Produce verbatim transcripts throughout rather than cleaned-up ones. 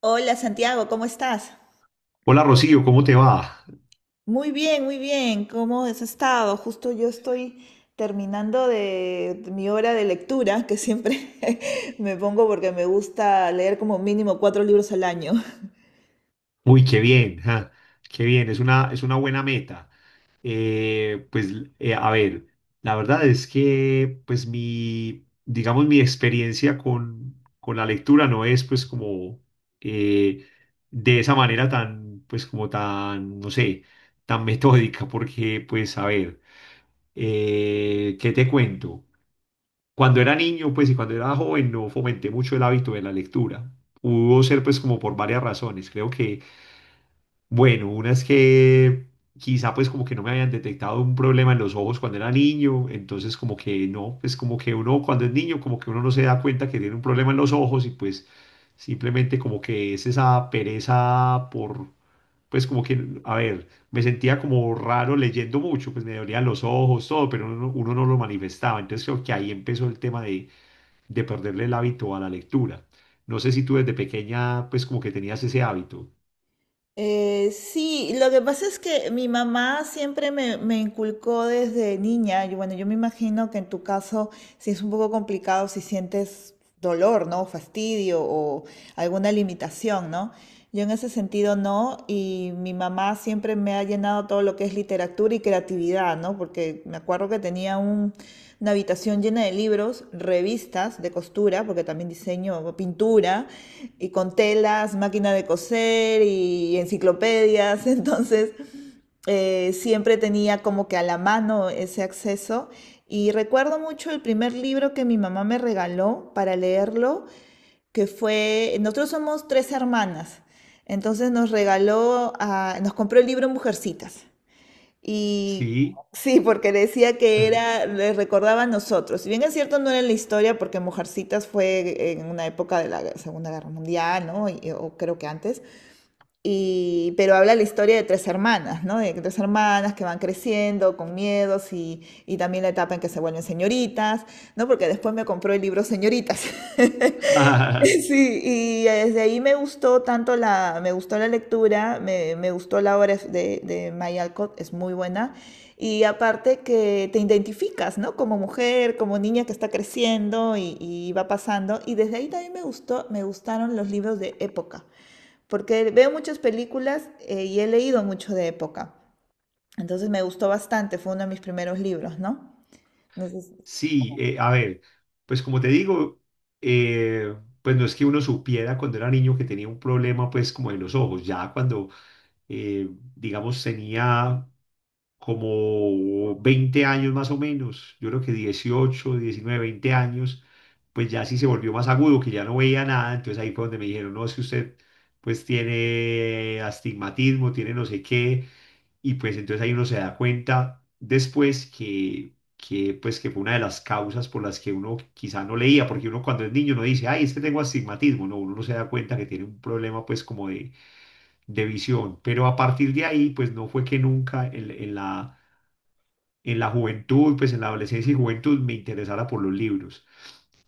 Hola Santiago, ¿cómo estás? Hola Rocío, ¿cómo te va? Muy bien, muy bien. ¿Cómo has estado? Justo yo estoy terminando de mi hora de lectura, que siempre me pongo porque me gusta leer como mínimo cuatro libros al año. Uy, qué bien, ja, qué bien, es una, es una buena meta. Eh, pues, eh, a ver, la verdad es que, pues, mi, digamos, mi experiencia con, con la lectura no es, pues, como eh, de esa manera tan, pues, como tan, no sé, tan metódica, porque, pues, a ver, eh, ¿qué te cuento? Cuando era niño, pues, y cuando era joven, no fomenté mucho el hábito de la lectura. Pudo ser, pues, como por varias razones. Creo que bueno, una es que quizá pues como que no me habían detectado un problema en los ojos cuando era niño, entonces como que no, pues como que uno cuando es niño como que uno no se da cuenta que tiene un problema en los ojos y pues simplemente como que es esa pereza por, pues como que, a ver, me sentía como raro leyendo mucho, pues me dolían los ojos, todo, pero uno, uno no lo manifestaba, entonces creo que ahí empezó el tema de, de perderle el hábito a la lectura. No sé si tú desde pequeña pues como que tenías ese hábito. Eh, sí, lo que pasa es que mi mamá siempre me, me inculcó desde niña, y bueno, yo me imagino que en tu caso sí es un poco complicado si sientes dolor, ¿no? Fastidio o alguna limitación, ¿no? Yo en ese sentido no, y mi mamá siempre me ha llenado todo lo que es literatura y creatividad, ¿no? Porque me acuerdo que tenía un, una habitación llena de libros, revistas de costura, porque también diseño pintura, y con telas, máquina de coser y enciclopedias. Entonces, eh, siempre tenía como que a la mano ese acceso. Y recuerdo mucho el primer libro que mi mamá me regaló para leerlo que fue, nosotros somos tres hermanas, entonces nos regaló, a- nos compró el libro Mujercitas. Y ¿Sí? sí, porque decía que era, le recordaba a nosotros. Si bien es cierto, no era la historia, porque Mujercitas fue en una época de la Segunda Guerra Mundial, ¿no? Y- o creo que antes. Y, pero habla la historia de tres hermanas, ¿no? De tres hermanas que van creciendo con miedos y, y también la etapa en que se vuelven señoritas, ¿no? Porque después me compró el libro Señoritas. Sí, y desde ahí me gustó tanto la, me gustó la lectura, me, me gustó la obra de, de May Alcott, es muy buena. Y aparte que te identificas, ¿no? Como mujer, como niña que está creciendo y, y va pasando. Y desde ahí también me gustó, me gustaron los libros de época, porque veo muchas películas eh, y he leído mucho de época. Entonces me gustó bastante, fue uno de mis primeros libros, ¿no? Sí, eh, a ver, pues como te digo, eh, pues no es que uno supiera cuando era niño que tenía un problema pues como de los ojos, ya cuando eh, digamos tenía como veinte años más o menos, yo creo que dieciocho, diecinueve, veinte años, pues ya sí se volvió más agudo, que ya no veía nada, entonces ahí fue donde me dijeron, no, es que usted pues tiene astigmatismo, tiene no sé qué. Y pues entonces ahí uno se da cuenta después que, que, pues, que fue una de las causas por las que uno quizá no leía, porque uno cuando es niño no dice, ay, es que tengo astigmatismo, no, uno no se da cuenta que tiene un problema pues como de, de visión. Pero a partir de ahí, pues no fue que nunca en, en la, en la juventud, pues en la adolescencia y juventud me interesara por los libros.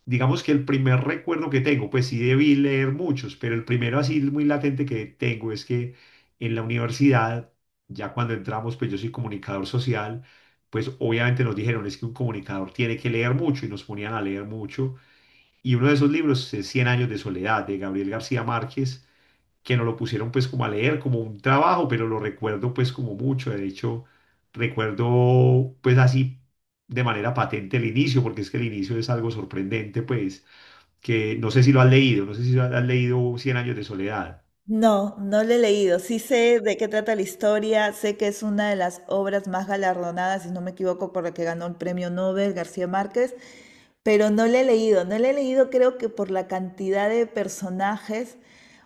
Digamos que el primer recuerdo que tengo, pues sí debí leer muchos, pero el primero así muy latente que tengo es que en la universidad, ya cuando entramos, pues yo soy comunicador social, pues obviamente nos dijeron es que un comunicador tiene que leer mucho y nos ponían a leer mucho. Y uno de esos libros es Cien años de soledad de Gabriel García Márquez, que nos lo pusieron pues como a leer, como un trabajo, pero lo recuerdo pues como mucho. De hecho, recuerdo pues así de manera patente el inicio, porque es que el inicio es algo sorprendente pues, que no sé si lo has leído, no sé si has leído Cien años de soledad. No, no le he leído. Sí sé de qué trata la historia, sé que es una de las obras más galardonadas, si no me equivoco, por la que ganó el premio Nobel García Márquez, pero no le he leído. No le he leído creo que por la cantidad de personajes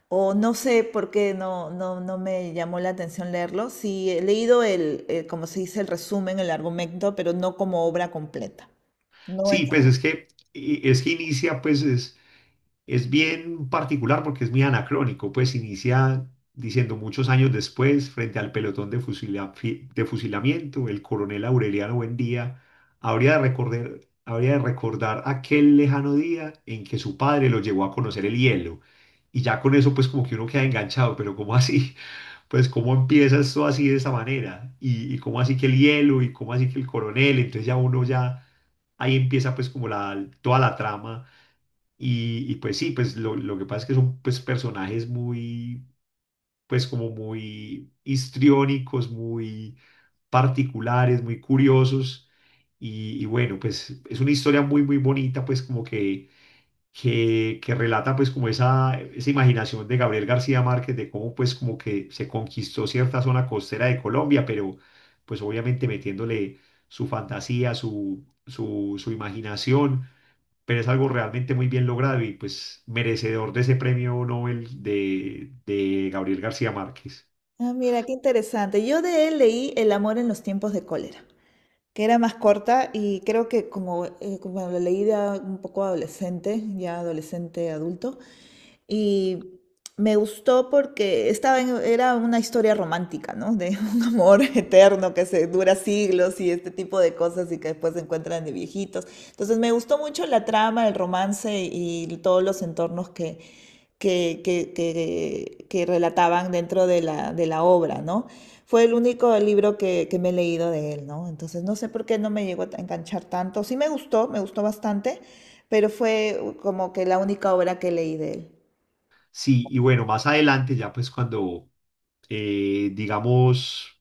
o no sé por qué no, no, no me llamó la atención leerlo. Sí he leído el, eh, como se dice, el resumen, el argumento, pero no como obra completa. No en... Sí, pues es que, y- es que inicia pues es es bien particular porque es muy anacrónico, pues inicia diciendo muchos años después, frente al pelotón de, fusila- fi- de fusilamiento, el coronel Aureliano Buendía habría de recordar, habría de recordar aquel lejano día en que su padre lo llevó a conocer el hielo. Y ya con eso, pues como que uno queda enganchado, pero ¿cómo así? Pues, ¿cómo empieza esto así de esa manera? Y, ¿y cómo así que el hielo? ¿Y cómo así que el coronel? Entonces ya uno ya, ahí empieza pues como la, toda la trama y, y pues sí, pues lo, lo que pasa es que son pues personajes muy, pues como muy histriónicos, muy particulares, muy curiosos. Y, y bueno, pues es una historia muy, muy bonita, pues como que, que, que relata pues como esa, esa imaginación de Gabriel García Márquez de cómo pues como que se conquistó cierta zona costera de Colombia, pero pues obviamente metiéndole su fantasía, su, su, su imaginación, pero es algo realmente muy bien logrado y pues merecedor de ese premio Nobel de, de Gabriel García Márquez. Ah, mira, qué interesante. Yo de él leí El amor en los tiempos de cólera, que era más corta y creo que como, eh, como la leí de a- un poco adolescente, ya adolescente adulto, y me gustó porque estaba en- era una historia romántica, ¿no? De un amor eterno que se dura siglos y este tipo de cosas y que después se encuentran de viejitos. Entonces me gustó mucho la trama, el romance y todos los entornos que, que, que, que, que relataban dentro de la, de la obra, ¿no? Fue el único libro que, que me he leído de él, ¿no? Entonces no sé por qué no me llegó a enganchar tanto. Sí me gustó, me gustó bastante, pero fue como que la única obra que leí de él. Sí, y bueno, más adelante ya pues cuando, eh, digamos,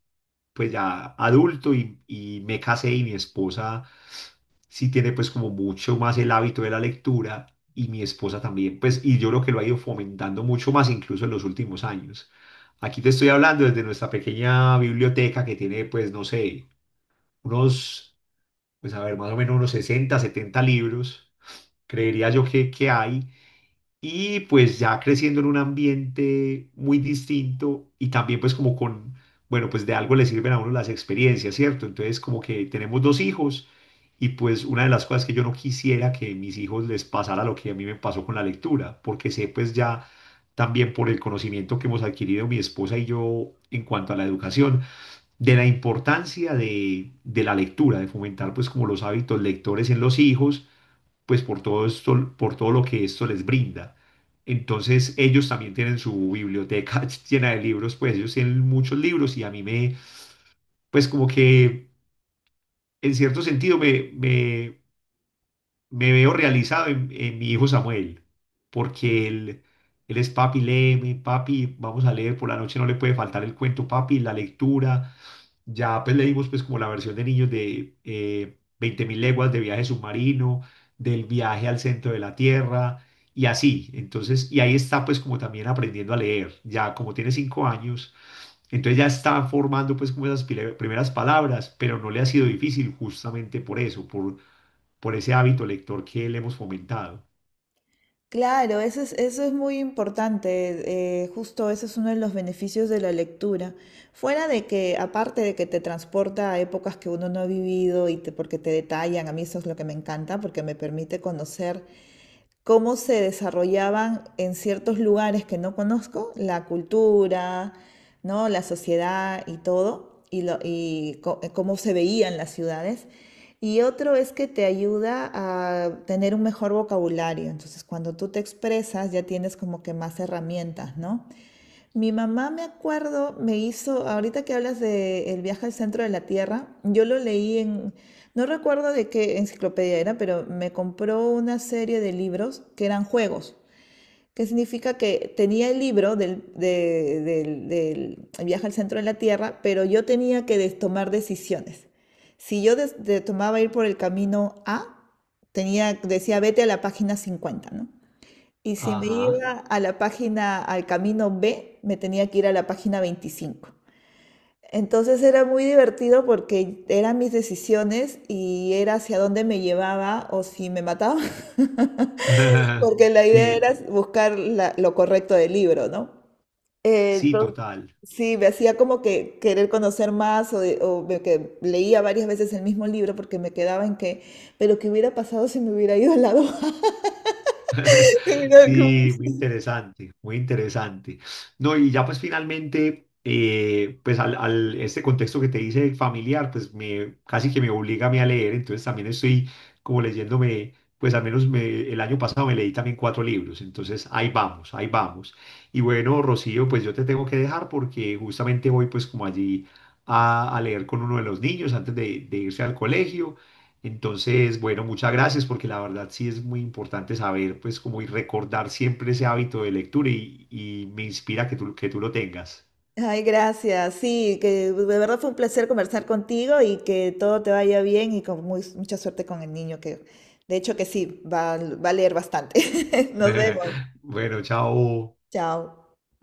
pues ya adulto y, y me casé y mi esposa sí tiene pues como mucho más el hábito de la lectura y mi esposa también, pues, y yo creo que lo ha ido fomentando mucho más incluso en los últimos años. Aquí te estoy hablando desde nuestra pequeña biblioteca que tiene pues, no sé, unos pues a ver, más o menos unos sesenta setenta libros, creería yo que, que hay, y pues ya creciendo en un ambiente muy distinto y también pues como con, bueno, pues de algo le sirven a uno las experiencias, ¿cierto? Entonces como que tenemos dos hijos y pues una de las cosas que yo no quisiera que a mis hijos les pasara lo que a mí me pasó con la lectura, porque sé pues ya también por el conocimiento que hemos adquirido mi esposa y yo en cuanto a la educación, de la importancia de, de la lectura, de fomentar pues como los hábitos lectores en los hijos, pues por todo esto, por todo lo que esto les brinda. Entonces ellos también tienen su biblioteca llena de libros, pues ellos tienen muchos libros y a mí me, pues como que en cierto sentido me, me, me veo realizado en, en mi hijo Samuel, porque él, él es papi, léeme, papi, vamos a leer por la noche, no le puede faltar el cuento, papi, la lectura. Ya pues leímos pues como la versión de niños de eh, veinte mil leguas de viaje submarino, del viaje al centro de la Tierra y así. Entonces, y ahí está pues como también aprendiendo a leer. Ya como tiene cinco años, entonces ya está formando pues como esas pile- primeras palabras, pero no le ha sido difícil justamente por eso, por, por ese hábito lector que le hemos fomentado. Claro, eso es, eso es muy importante, eh, justo ese es uno de los beneficios de la lectura. Fuera de que, aparte de que te transporta a épocas que uno no ha vivido y te- porque te detallan, a mí eso es lo que me encanta, porque me permite conocer cómo se desarrollaban en ciertos lugares que no conozco, la cultura, ¿no? La sociedad y todo, y, lo, y co- eh, cómo se veían las ciudades. Y otro es que te ayuda a tener un mejor vocabulario. Entonces, cuando tú te expresas, ya tienes como que más herramientas, ¿no? Mi mamá, me acuerdo, me hizo, ahorita que hablas de El viaje al centro de la Tierra, yo lo leí en, no recuerdo de qué enciclopedia era, pero me compró una serie de libros que eran juegos, que significa que tenía el libro del, de- del- del viaje al centro de la Tierra, pero yo tenía que des- tomar decisiones. Si yo des- de- tomaba ir por el camino A, tenía, decía, vete a la página cincuenta, ¿no? Y si me Ajá. iba a la página, al camino B, me tenía que ir a la página veinticinco. Entonces era muy divertido porque eran mis decisiones y era hacia dónde me llevaba o si me mataba, porque la idea Sí, era buscar la- lo correcto del libro, ¿no? Eh, sí, entonces, total. sí, me hacía como que querer conocer más o, de- o me que leía varias veces el mismo libro porque me quedaba en que, pero ¿qué hubiera pasado si me hubiera ido al lado A? Sí, muy interesante, muy interesante. No, y ya pues finalmente, eh, pues al, al- este contexto que te dice familiar, pues me casi que me obliga a mí a leer, entonces también estoy como leyéndome, pues al menos me- el año pasado me leí también cuatro libros, entonces ahí vamos, ahí vamos. Y bueno, Rocío, pues yo te tengo que dejar porque justamente voy pues como allí a, a leer con uno de los niños antes de, de irse al colegio. Entonces, bueno, muchas gracias porque la verdad sí es muy importante saber, pues, como y recordar siempre ese hábito de lectura y, y me inspira que tú, que tú lo tengas. Ay, gracias. Sí, que de verdad fue un placer conversar contigo y que todo te vaya bien y con muy- mucha suerte con el niño, que de hecho que sí, va, va a leer bastante. Nos vemos. Bueno, chao. Chao.